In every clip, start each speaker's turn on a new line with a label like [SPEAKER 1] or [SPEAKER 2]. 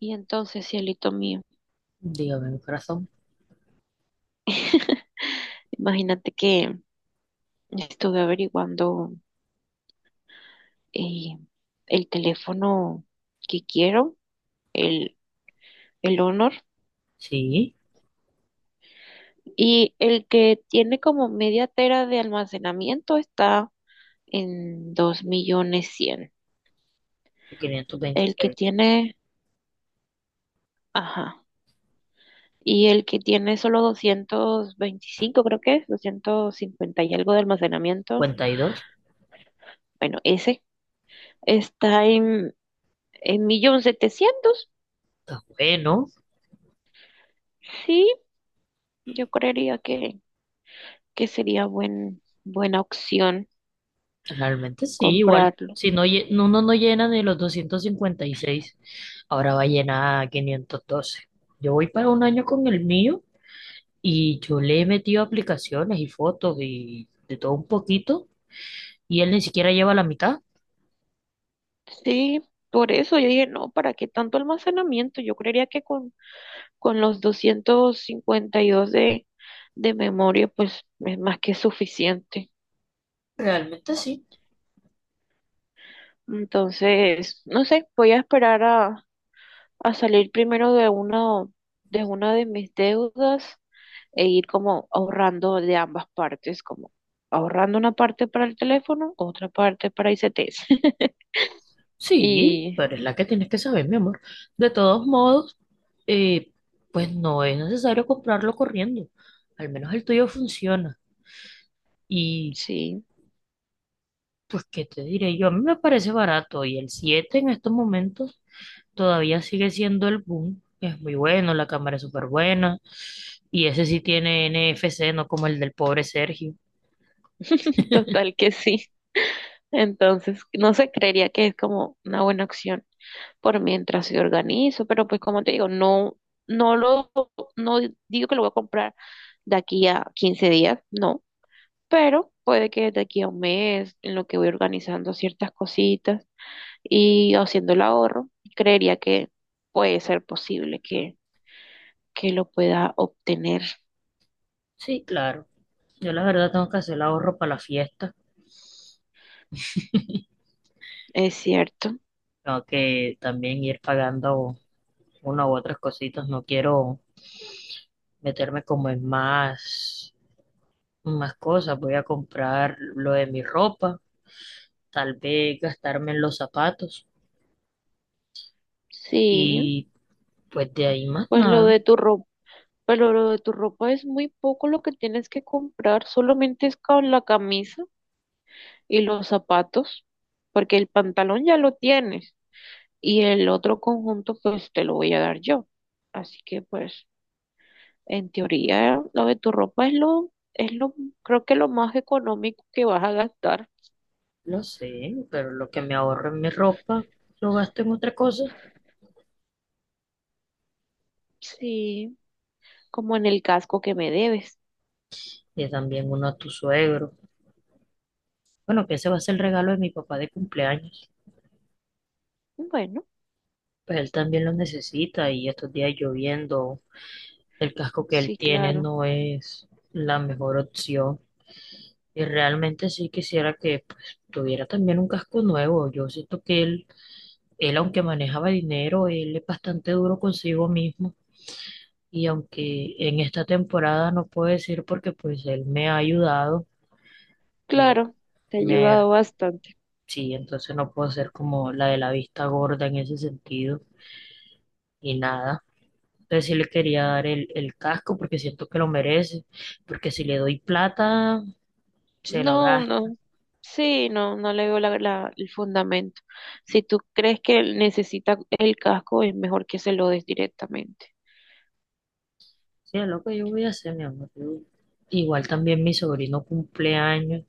[SPEAKER 1] Y entonces, cielito mío,
[SPEAKER 2] Dígame, mi corazón.
[SPEAKER 1] imagínate que estuve averiguando eh, el teléfono que quiero, el, el Honor.
[SPEAKER 2] Sí,
[SPEAKER 1] Y el que tiene como media tera de almacenamiento está en 2.100.000. El que
[SPEAKER 2] 526.
[SPEAKER 1] tiene, ajá, y el que tiene solo 225, creo que es, 250 y algo de almacenamiento.
[SPEAKER 2] 52.
[SPEAKER 1] Bueno, ese está en 1.700.000.
[SPEAKER 2] Está bueno.
[SPEAKER 1] Sí, yo creería que sería buena opción
[SPEAKER 2] Realmente sí, igual.
[SPEAKER 1] comprarlo.
[SPEAKER 2] Si no, no, uno no llena ni los 256, ahora va a llenar 512. Yo voy para un año con el mío y yo le he metido aplicaciones y fotos y de todo un poquito y él ni siquiera lleva la mitad.
[SPEAKER 1] Sí, por eso yo dije, no, ¿para qué tanto almacenamiento? Yo creería que con los 252 de memoria, pues es más que suficiente.
[SPEAKER 2] Realmente sí.
[SPEAKER 1] Entonces, no sé, voy a esperar a salir primero de una de mis deudas e ir como ahorrando de ambas partes, como ahorrando una parte para el teléfono, otra parte para I C ICTs.
[SPEAKER 2] Sí,
[SPEAKER 1] Y
[SPEAKER 2] pero es la que tienes que saber, mi amor. De todos modos, eh, pues no es necesario comprarlo corriendo. Al menos el tuyo funciona. Y
[SPEAKER 1] sí,
[SPEAKER 2] pues, ¿qué te diré yo? A mí me parece barato y el 7 en estos momentos todavía sigue siendo el boom. Es muy bueno, la cámara es súper buena. Y ese sí tiene NFC, no como el del pobre Sergio.
[SPEAKER 1] total que sí. Entonces, no sé, creería que es como una buena opción por mientras se organizo, pero pues como te digo, no, no lo, no digo que lo voy a comprar de aquí a 15 días, no, pero puede que de aquí a un mes, en lo que voy organizando ciertas cositas y haciendo el ahorro, creería que puede ser posible que lo pueda obtener.
[SPEAKER 2] Sí, claro. Yo la verdad tengo que hacer el ahorro para la fiesta.
[SPEAKER 1] Es cierto.
[SPEAKER 2] Tengo que también ir pagando una u otras cositas. No quiero meterme como en más. Más cosas. Voy a comprar lo de mi ropa, tal vez gastarme en los zapatos
[SPEAKER 1] Sí,
[SPEAKER 2] y pues de ahí más
[SPEAKER 1] pues lo
[SPEAKER 2] nada.
[SPEAKER 1] de tu ropa. Pero lo de tu ropa es muy poco lo que tienes que comprar, solamente es con la camisa y los zapatos, porque el pantalón ya lo tienes y el otro conjunto pues te lo voy a dar yo. Así que pues en teoría lo de tu ropa es lo, creo que lo más económico que vas a gastar.
[SPEAKER 2] Lo sé, pero lo que me ahorro en mi ropa lo gasto en otra cosa
[SPEAKER 1] Sí, como en el casco que me debes.
[SPEAKER 2] y también uno a tu suegro. Bueno, que ese va a ser el regalo de mi papá de cumpleaños.
[SPEAKER 1] Bueno,
[SPEAKER 2] Pues él también lo necesita y estos días lloviendo, el casco que él
[SPEAKER 1] sí,
[SPEAKER 2] tiene
[SPEAKER 1] claro,
[SPEAKER 2] no es la mejor opción. Y realmente sí quisiera que pues, tuviera también un casco nuevo. Yo siento que Él, aunque manejaba dinero, él es bastante duro consigo mismo. Y aunque en esta temporada no puedo decir porque pues él me ha ayudado, me,
[SPEAKER 1] claro, te ha
[SPEAKER 2] me,
[SPEAKER 1] ayudado bastante.
[SPEAKER 2] sí, entonces no puedo ser como la de la vista gorda en ese sentido. Y nada, entonces sí le quería dar el casco porque siento que lo merece, porque si le doy plata, se lo
[SPEAKER 1] No,
[SPEAKER 2] gasta.
[SPEAKER 1] no. Sí, no, no le veo el fundamento. Si tú crees que él necesita el casco, es mejor que se lo des directamente.
[SPEAKER 2] Sí, es lo que yo voy a hacer, mi amor. Yo. Igual también mi sobrino cumpleaños.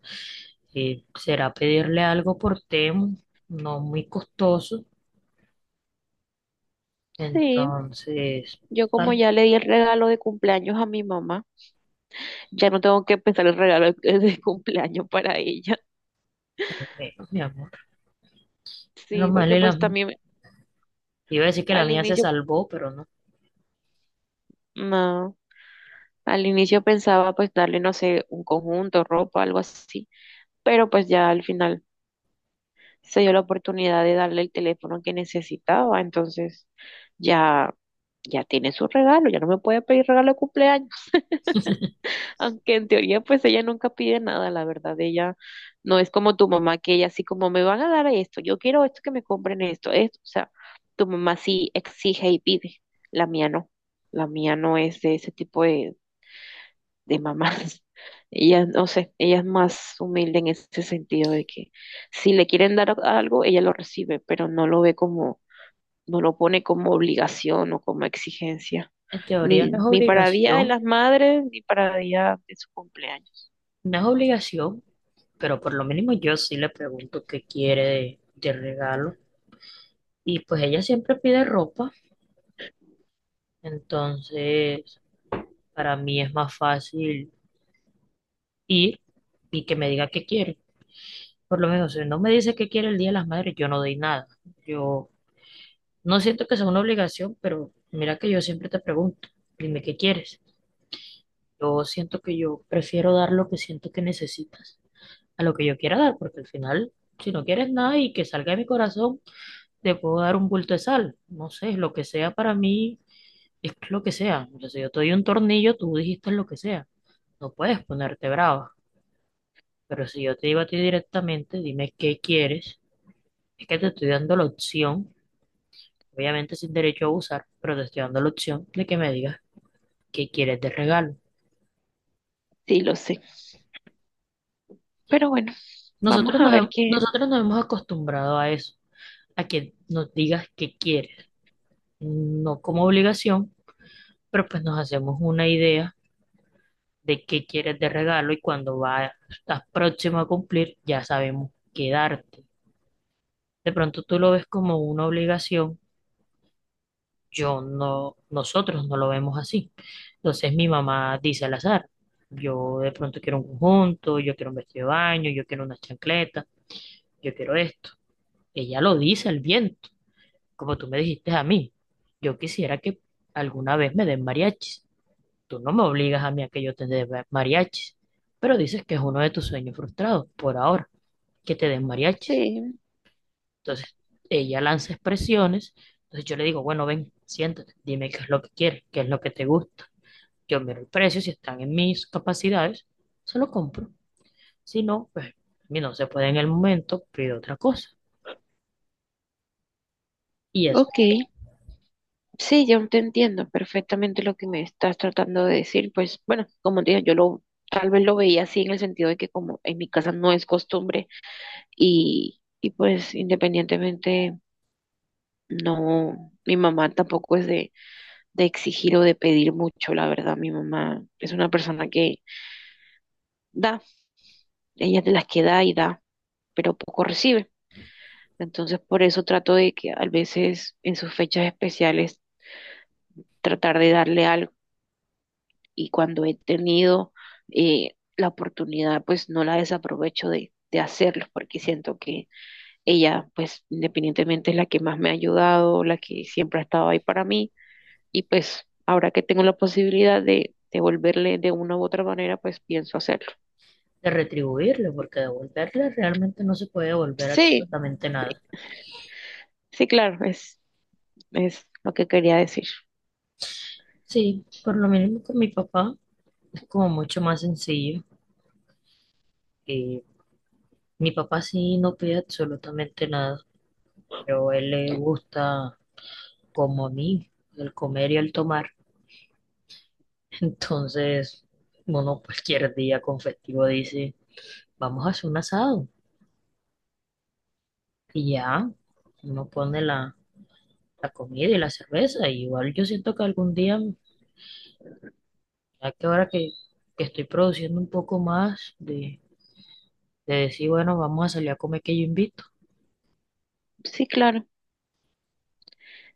[SPEAKER 2] Será pedirle algo por Temu, no muy costoso.
[SPEAKER 1] Sí,
[SPEAKER 2] Entonces,
[SPEAKER 1] yo como
[SPEAKER 2] al
[SPEAKER 1] ya le di el regalo de cumpleaños a mi mamá, ya no tengo que pensar el regalo de cumpleaños para ella.
[SPEAKER 2] menos, mi amor. Menos
[SPEAKER 1] Sí,
[SPEAKER 2] mal,
[SPEAKER 1] porque
[SPEAKER 2] y
[SPEAKER 1] pues
[SPEAKER 2] la-
[SPEAKER 1] también
[SPEAKER 2] iba a decir que la
[SPEAKER 1] al
[SPEAKER 2] mía se
[SPEAKER 1] inicio,
[SPEAKER 2] salvó, pero no.
[SPEAKER 1] no, al inicio pensaba pues darle, no sé, un conjunto, ropa, algo así, pero pues ya al final. Se dio la oportunidad de darle el teléfono que necesitaba, entonces ya, ya tiene su regalo, ya no me puede pedir regalo de cumpleaños. Aunque en teoría pues ella nunca pide nada, la verdad, ella no es como tu mamá, que ella así como me van a dar esto, yo quiero esto, que me compren esto, esto, o sea, tu mamá sí exige y pide, la mía no, la mía no es de ese tipo de mamás. Ella, no sé, ella es más humilde en ese sentido de que si le quieren dar algo, ella lo recibe, pero no lo ve como, no lo pone como obligación o como exigencia.
[SPEAKER 2] En teoría
[SPEAKER 1] Ni,
[SPEAKER 2] no es
[SPEAKER 1] ni para Día de
[SPEAKER 2] obligación,
[SPEAKER 1] las Madres, ni para Día de su cumpleaños.
[SPEAKER 2] no es obligación, pero por lo mínimo yo sí le pregunto qué quiere de regalo. Y pues ella siempre pide ropa, entonces para mí es más fácil ir y que me diga qué quiere. Por lo menos, si no me dice qué quiere el Día de las Madres, yo no doy nada. Yo no siento que sea una obligación, pero mira que yo siempre te pregunto, dime qué quieres. Yo siento que yo prefiero dar lo que siento que necesitas a lo que yo quiera dar, porque al final, si no quieres nada y que salga de mi corazón, te puedo dar un bulto de sal. No sé, lo que sea para mí es lo que sea. O sea, si yo te doy un tornillo, tú dijiste lo que sea. No puedes ponerte brava, pero si yo te digo a ti directamente, dime qué quieres, es que te estoy dando la opción, obviamente sin derecho a abusar, pero te estoy dando la opción de que me digas ¿qué quieres de regalo?
[SPEAKER 1] Sí, lo sé. Pero bueno, vamos a ver qué.
[SPEAKER 2] Nosotros nos hemos acostumbrado a eso, a que nos digas qué quieres, no como obligación, pero pues nos hacemos una idea de qué quieres de regalo y estás próximo a cumplir, ya sabemos qué darte. De pronto tú lo ves como una obligación, yo no, nosotros no lo vemos así. Entonces mi mamá dice al azar, yo de pronto quiero un conjunto, yo quiero un vestido de baño, yo quiero una chancleta, yo quiero esto. Ella lo dice al viento como tú me dijiste a mí, yo quisiera que alguna vez me den mariachis. Tú no me obligas a mí a que yo te dé ma- mariachis, pero dices que es uno de tus sueños frustrados por ahora, que te den mariachis.
[SPEAKER 1] Sí,
[SPEAKER 2] Entonces, ella lanza expresiones, entonces yo le digo, bueno, ven, siéntate, dime qué es lo que quieres, qué es lo que te gusta. Yo miro el precio, si están en mis capacidades, se lo compro. Si no, pues, a mí no se puede en el momento, pido otra cosa. Y eso
[SPEAKER 1] ok. Sí, yo te entiendo perfectamente lo que me estás tratando de decir. Pues bueno, como te digo, yo lo, tal vez lo veía así en el sentido de que como en mi casa no es costumbre y pues independientemente, no, mi mamá tampoco es de exigir o de pedir mucho, la verdad, mi mamá es una persona que da, ella es de las que da y da, pero poco recibe. Entonces, por eso trato de que a veces en sus fechas especiales tratar de darle algo y cuando he tenido la oportunidad, pues no la desaprovecho de hacerlo porque siento que ella, pues, independientemente es la que más me ha ayudado, la que siempre ha estado ahí para mí. Y pues, ahora que tengo la posibilidad de devolverle de una u otra manera, pues pienso hacerlo.
[SPEAKER 2] de retribuirle, porque devolverle realmente no se puede devolver
[SPEAKER 1] Sí,
[SPEAKER 2] absolutamente nada.
[SPEAKER 1] sí, claro, es lo que quería decir.
[SPEAKER 2] Sí, por lo mismo con mi papá es como mucho más sencillo. Eh, mi papá sí no pide absolutamente nada, pero a él le gusta, como a mí, el comer y el tomar. Entonces, uno cualquier día con festivo dice, vamos a hacer un asado. Y ya, uno pone la comida y la cerveza. Y igual yo siento que algún día ya que estoy produciendo un poco más de decir, bueno, vamos a salir a comer que yo invito.
[SPEAKER 1] Sí, claro,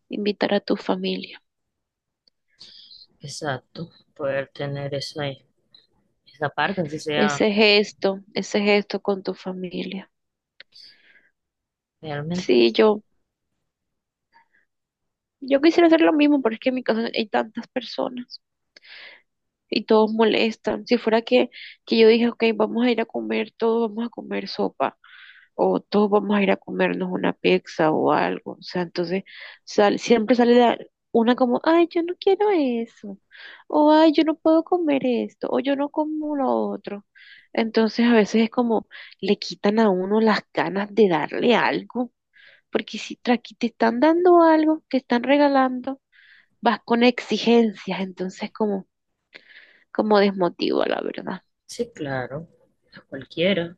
[SPEAKER 1] invitar a tu familia.
[SPEAKER 2] Exacto, poder tener esa, esa parte, así sea
[SPEAKER 1] Ese gesto con tu familia.
[SPEAKER 2] realmente.
[SPEAKER 1] Sí, yo quisiera hacer lo mismo, pero es que en mi casa hay tantas personas y todos molestan. Si fuera que yo dije, ok, vamos a ir a comer todos, vamos a comer sopa o todos vamos a ir a comernos una pizza o algo. O sea, entonces sal- siempre sale la- una como, ay, yo no quiero eso, o ay, yo no puedo comer esto, o yo no como lo otro. Entonces a veces es como le quitan a uno las ganas de darle algo, porque si tra- aquí te están dando algo, te están regalando, vas con exigencias, entonces como, como desmotiva, la verdad.
[SPEAKER 2] Sí, claro, a cualquiera. A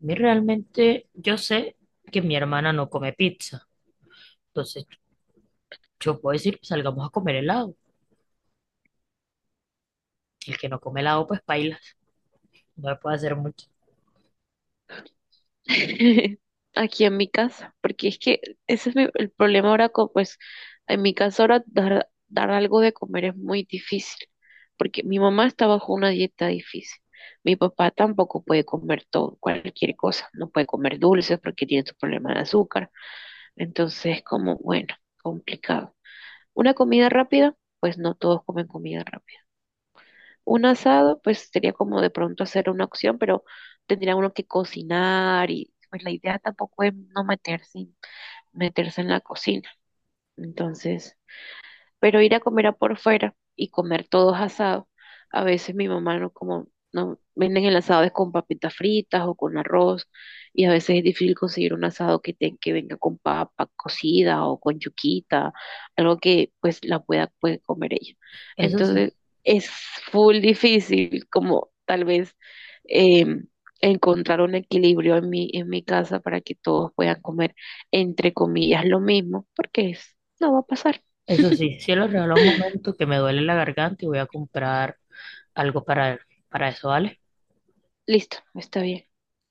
[SPEAKER 2] mí realmente, yo sé que mi hermana no come pizza, entonces yo puedo decir, salgamos a comer helado. El que no come helado, pues paila, no le puede hacer mucho.
[SPEAKER 1] Aquí en mi casa, porque es que ese es mi- el problema ahora con, pues, en mi casa ahora dar algo de comer es muy difícil, porque mi mamá está bajo una dieta difícil. Mi papá tampoco puede comer todo, cualquier cosa, no puede comer dulces porque tiene su problema de azúcar. Entonces, como, bueno, complicado. Una comida rápida, pues no todos comen comida rápida. Un asado, pues sería como de pronto hacer una opción, pero tendría uno que cocinar y pues la idea tampoco es no meterse, meterse en la cocina. Entonces, pero ir a comer a por fuera y comer todos asados. A veces mi mamá no como, no venden el asado es con papitas fritas o con arroz, y a veces es difícil conseguir un asado que, te- que venga con papa cocida o con yuquita, algo que pues la pueda puede comer ella.
[SPEAKER 2] Eso sí,
[SPEAKER 1] Entonces es full difícil como tal vez em, encontrar un equilibrio en mi casa para que todos puedan comer entre comillas lo mismo, porque es, no va a pasar.
[SPEAKER 2] eso sí, si lo regalo un momento que me duele la garganta y voy a comprar algo para eso, ¿vale?
[SPEAKER 1] Listo, está bien.